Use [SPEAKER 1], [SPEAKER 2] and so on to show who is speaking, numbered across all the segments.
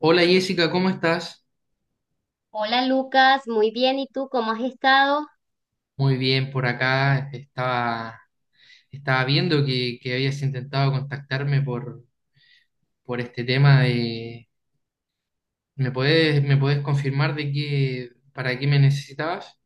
[SPEAKER 1] Hola Jessica, ¿cómo estás?
[SPEAKER 2] Hola Lucas, muy bien. ¿Y tú cómo has estado?
[SPEAKER 1] Muy bien, por acá estaba, estaba viendo que habías intentado contactarme por este tema de... me puedes confirmar de qué, para qué me necesitabas?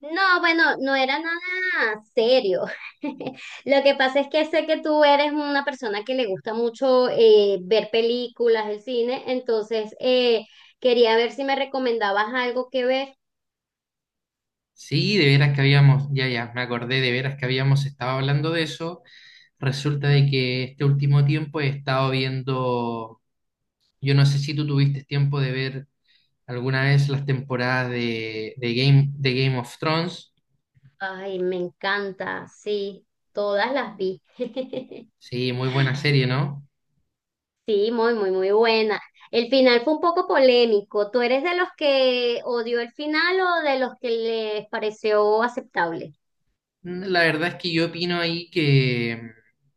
[SPEAKER 2] No, bueno, no era nada serio. Lo que pasa es que sé que tú eres una persona que le gusta mucho ver películas, el cine, entonces quería ver si me recomendabas algo que ver.
[SPEAKER 1] Sí, de veras que habíamos, ya, ya, me acordé de veras que habíamos estado hablando de eso. Resulta de que este último tiempo he estado viendo, yo no sé si tú tuviste tiempo de ver alguna vez las temporadas de Game, de Game of Thrones.
[SPEAKER 2] Ay, me encanta, sí, todas las vi.
[SPEAKER 1] Sí, muy buena serie, ¿no?
[SPEAKER 2] Sí, muy, muy, muy buena. El final fue un poco polémico. ¿Tú eres de los que odió el final o de los que les pareció aceptable?
[SPEAKER 1] Mm, la verdad es que yo opino ahí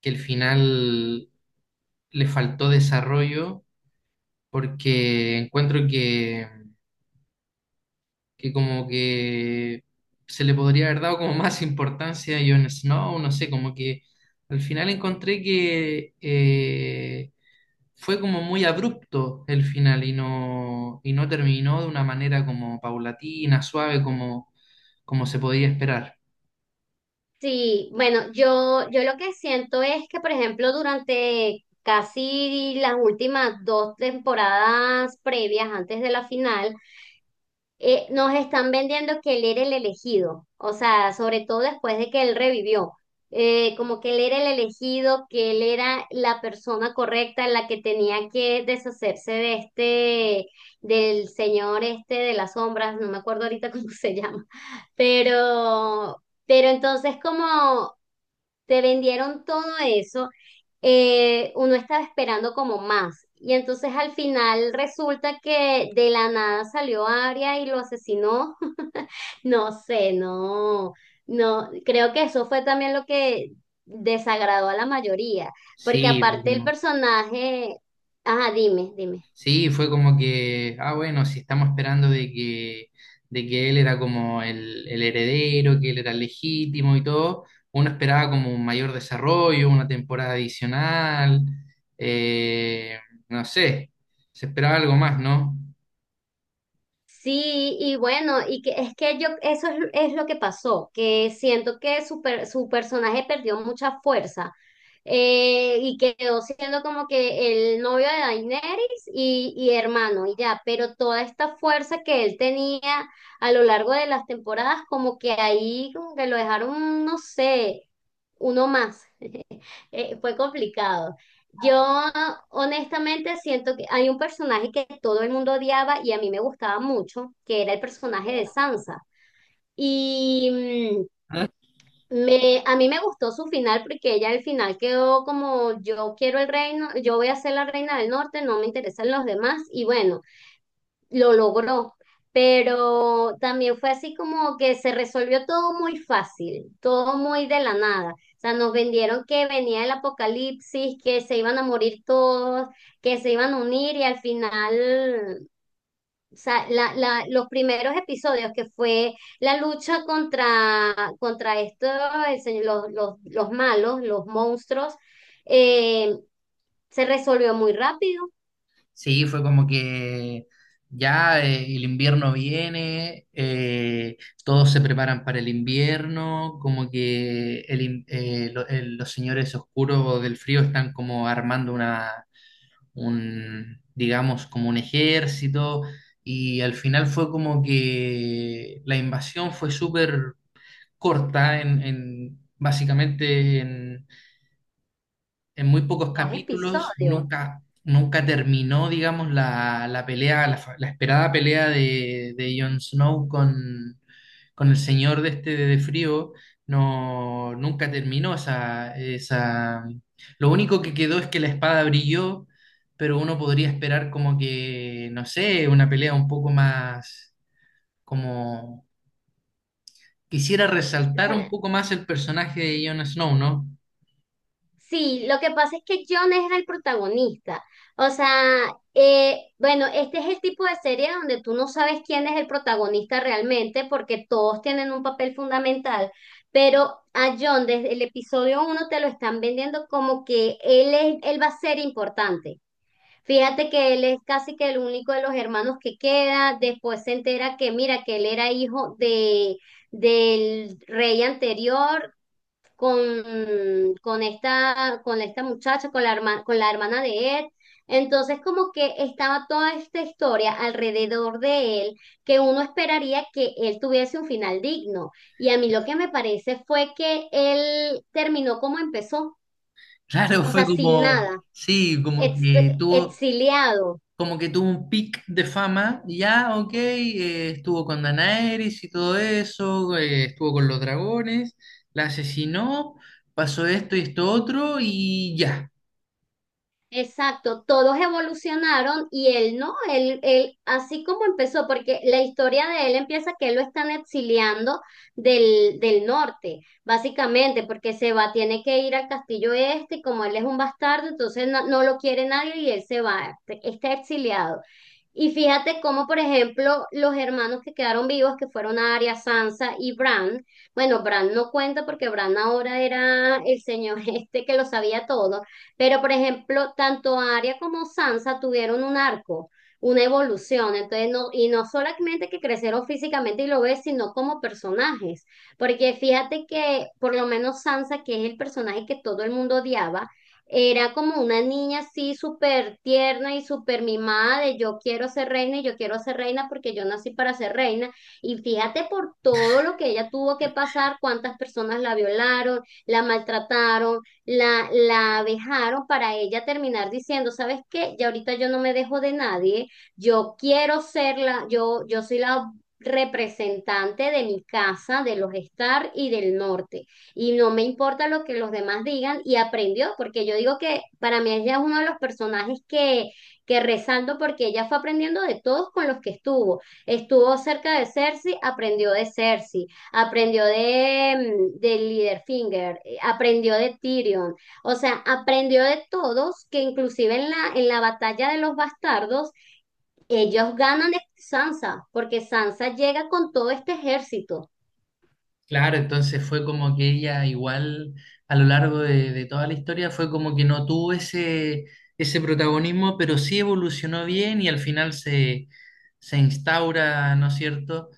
[SPEAKER 1] que el final le faltó desarrollo porque encuentro que como que se le podría haber dado como más importancia a Jon Snow, no sé, como que al final encontré que fue como muy abrupto el final y no terminó de una manera como paulatina, suave, como, como se podía esperar.
[SPEAKER 2] Sí, bueno, yo lo que siento es que, por ejemplo, durante casi las últimas dos temporadas previas, antes de la final, nos están vendiendo que él era el elegido. O sea, sobre todo después de que él revivió, como que él era el elegido, que él era la persona correcta, la que tenía que deshacerse de este, del señor este de las sombras. No me acuerdo ahorita cómo se llama, pero... Pero entonces como te vendieron todo eso, uno estaba esperando como más. Y entonces al final resulta que de la nada salió Aria y lo asesinó. No sé, no, no, creo que eso fue también lo que desagradó a la mayoría, porque
[SPEAKER 1] Sí, porque
[SPEAKER 2] aparte el
[SPEAKER 1] no.
[SPEAKER 2] personaje, ajá, dime, dime.
[SPEAKER 1] Sí, fue como que, ah, bueno, si estamos esperando de que él era como el heredero, que él era legítimo y todo, uno esperaba como un mayor desarrollo, una temporada adicional, eh, no sé, se esperaba algo más, ¿no?
[SPEAKER 2] Sí, y bueno, y que es que yo, eso es lo que pasó, que siento que su personaje perdió mucha fuerza, y quedó siendo como que el novio de Daenerys y hermano, y ya, pero toda esta fuerza que él tenía a lo largo de las temporadas, como que ahí como que lo dejaron, no sé, uno más. Fue complicado. Yo honestamente siento que hay un personaje que todo el mundo odiaba y a mí me gustaba mucho, que era el personaje de Sansa. Y el reino, yo voy a ser la reina del norte, lo logró. También fue así como que sí, todo. O sea, nos vendieron que Apocalipsis, iban a morir todos, que se iban a unir y al fin. O sea, los primeros episodios fue la lucha contra los malos, los monstruos. Eh, Se resolvió muy rápido,
[SPEAKER 1] Sí, fue como que ya el invierno viene, todos se preparan para el invierno, como que el in- lo- el- los señores oscuros del frío están como armando una, un, digamos, como un ejército, y al final fue como que la invasión fue súper corta básicamente en muy pocos
[SPEAKER 2] dos
[SPEAKER 1] capítulos,
[SPEAKER 2] episodios.
[SPEAKER 1] nunca, nunca terminó, digamos, la pelea, la esperada pelea de Jon Snow con el señor de este de frío, no, nunca terminó esa, esa... Lo único que quedó es que la espada brilló, pero uno podría esperar como que, no sé, una pelea un poco más, como... Quisiera
[SPEAKER 2] O
[SPEAKER 1] resaltar un
[SPEAKER 2] sea,
[SPEAKER 1] poco más el personaje de Jon Snow, ¿no?
[SPEAKER 2] sí, lo que pasa es que John era el protagonista. O sea, bueno, este es el tipo de serie donde tú no sabes quién es el protagonista realmente porque todos tienen un papel fundamental. Pero a John desde el episodio uno te lo están vendiendo como que él es, él va a ser importante. Fíjate que él es casi que el único de los hermanos que queda. Después se entera que, mira, que él era hijo de, del rey anterior con esta muchacha, con la hermana de Ed. Entonces, como que estaba toda esta historia alrededor de él, que uno esperaría que él tuviese un final digno. Y a mí lo que me parece fue que él terminó como empezó,
[SPEAKER 1] Claro,
[SPEAKER 2] o sea,
[SPEAKER 1] fue
[SPEAKER 2] sin
[SPEAKER 1] como,
[SPEAKER 2] nada,
[SPEAKER 1] sí,
[SPEAKER 2] ex- exiliado.
[SPEAKER 1] como que tuvo un pic de fama, y ya, ok, estuvo con Daenerys y todo eso, estuvo con los dragones, la asesinó, pasó esto y esto otro, y ya.
[SPEAKER 2] Exacto, todos evolucionaron y él no, él, así como empezó, porque la historia de él empieza que él lo están exiliando del norte, básicamente, porque se va, tiene que ir al castillo este, y como él es un bastardo, entonces no, no lo quiere nadie y él se va, está exiliado. Y fíjate cómo, por ejemplo, los hermanos que quedaron vivos, que fueron Arya, Sansa y Bran, bueno, Bran no cuenta porque Bran ahora era el señor este que lo sabía todo, pero por ejemplo, tanto Arya como Sansa tuvieron un arco, una evolución, entonces no, y no solamente que crecieron físicamente y lo ves, sino como personajes, porque fíjate que por lo menos Sansa, que es el personaje que todo el mundo odiaba, era como una niña así súper tierna y súper mimada de yo quiero ser reina y yo quiero ser reina porque yo nací para ser reina. Y fíjate por todo lo que ella tuvo que pasar, cuántas personas la violaron, la maltrataron, la abejaron, para ella terminar diciendo, ¿sabes qué? Ya ahorita yo no me dejo de nadie, yo quiero ser la, yo soy la representante de mi casa, de los Star y del norte, y no me importa lo que los demás digan, y aprendió, porque yo digo que para mí ella es uno de los personajes que resalto porque ella fue aprendiendo de todos con los que estuvo. Estuvo cerca de Cersei, aprendió de Cersei, aprendió de, de Littlefinger, aprendió de Tyrion. O sea, aprendió de todos, que inclusive en la, batalla de los bastardos, ellos ganan de Sansa, porque Sansa llega con todo este ejército.
[SPEAKER 1] Claro, entonces fue como que ella igual a lo largo de toda la historia fue como que no tuvo ese, ese protagonismo, pero sí evolucionó bien y al final se, se instaura, ¿no es cierto?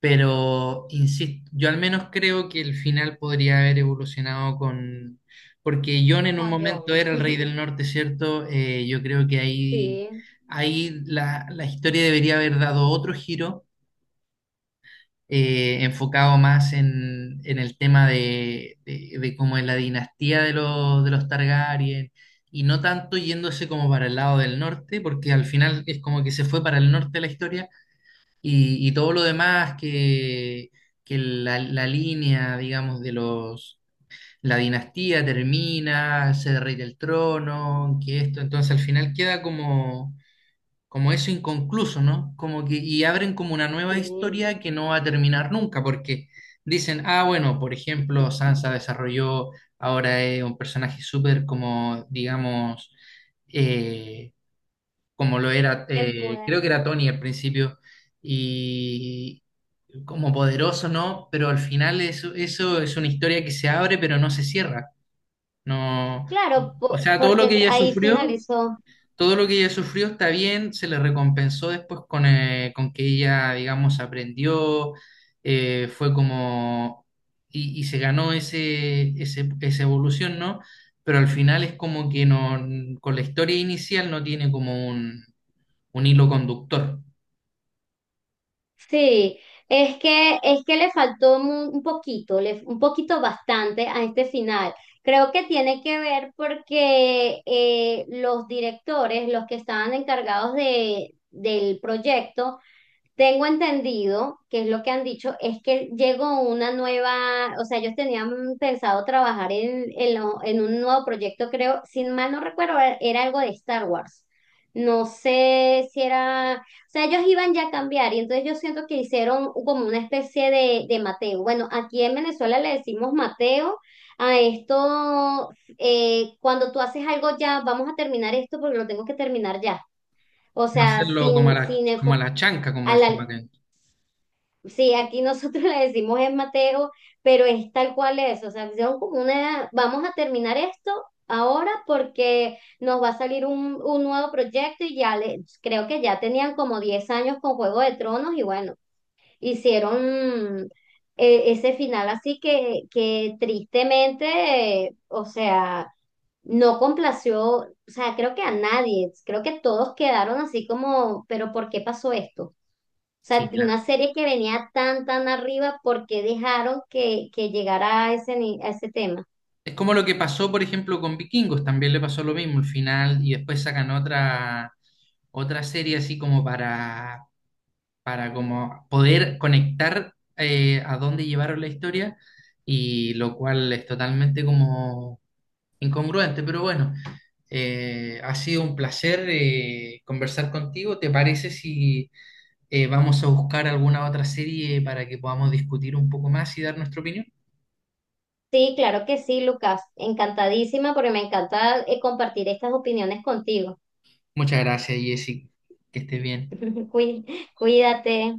[SPEAKER 1] Pero, insisto, yo al menos creo que el final podría haber evolucionado con... Porque Jon en un
[SPEAKER 2] Con
[SPEAKER 1] momento
[SPEAKER 2] John.
[SPEAKER 1] era el rey del norte, ¿cierto? Yo creo que ahí,
[SPEAKER 2] Sí,
[SPEAKER 1] ahí la historia debería haber dado otro giro, enfocado más en el tema de cómo es la dinastía de los Targaryen, y no tanto yéndose como para el lado del norte, porque al final es como que se fue para el norte la historia y todo lo demás que la línea, digamos, de los... La dinastía termina, se derrite el trono, que esto, entonces al final queda como, como eso inconcluso, ¿no? Como que, y abren como una nueva
[SPEAKER 2] sí.
[SPEAKER 1] historia que no va a terminar nunca, porque dicen, ah, bueno, por ejemplo, Sansa desarrolló, ahora es un personaje súper como, digamos, eh, como lo era, creo
[SPEAKER 2] Empodera.
[SPEAKER 1] que era Tony al principio, y, como poderoso, ¿no? Pero al final eso, eso es una historia que se abre, pero no se cierra. No,
[SPEAKER 2] Claro,
[SPEAKER 1] o sea, todo lo
[SPEAKER 2] porque
[SPEAKER 1] que ella
[SPEAKER 2] ahí
[SPEAKER 1] sufrió,
[SPEAKER 2] finalizó.
[SPEAKER 1] todo lo que ella sufrió está bien, se le recompensó después con que ella, digamos, aprendió, fue como, y se ganó ese, ese, esa evolución, ¿no? Pero al final es como que no, con la historia inicial no tiene como un hilo conductor,
[SPEAKER 2] Sí, es que le faltó un poquito, le, un poquito bastante a este final. Creo que tiene que ver porque los directores, los que estaban encargados del proyecto, tengo entendido, que es lo que han dicho, es que llegó una nueva. O sea, ellos tenían pensado trabajar en un nuevo proyecto, creo, sin mal no recuerdo, era algo de Star Wars. No sé si era, o sea, ellos iban ya a cambiar y entonces yo siento que hicieron como una especie de Mateo. Bueno, aquí en Venezuela le decimos Mateo a esto, cuando tú haces algo ya, vamos a terminar esto porque lo tengo que terminar ya. O
[SPEAKER 1] como
[SPEAKER 2] sea,
[SPEAKER 1] hacerlo
[SPEAKER 2] sin, sin
[SPEAKER 1] como a
[SPEAKER 2] enfo-
[SPEAKER 1] la chanca, como
[SPEAKER 2] A
[SPEAKER 1] decimos
[SPEAKER 2] la-
[SPEAKER 1] acá.
[SPEAKER 2] sí, aquí nosotros le decimos es Mateo, pero es tal cual es. O sea, son como una, vamos a terminar esto ahora porque nos va a salir un nuevo proyecto y ya le, creo que ya tenían como 10 años con Juego de Tronos, y bueno, hicieron ese final así que tristemente, o sea, no complació. O sea, creo que a nadie, creo que todos quedaron así como, pero ¿por qué pasó esto? O sea,
[SPEAKER 1] Sí,
[SPEAKER 2] de una serie que venía tan, tan arriba, ¿por qué dejaron que llegara a ese, a ese tema?
[SPEAKER 1] es como lo que pasó, por ejemplo, con Vikingos, también le pasó lo mismo al final y después sacan otra, otra serie así como para como poder conectar a dónde llevaron la historia y lo cual es totalmente como incongruente, pero bueno, ha sido un placer conversar contigo. ¿Te parece si vamos a buscar alguna otra serie para que podamos discutir un poco más y dar nuestra opinión?
[SPEAKER 2] Sí, claro que sí, Lucas. Encantadísima porque me encanta compartir estas opiniones contigo.
[SPEAKER 1] Muchas gracias, Jessy. Que estés bien.
[SPEAKER 2] Cuí- Cuídate.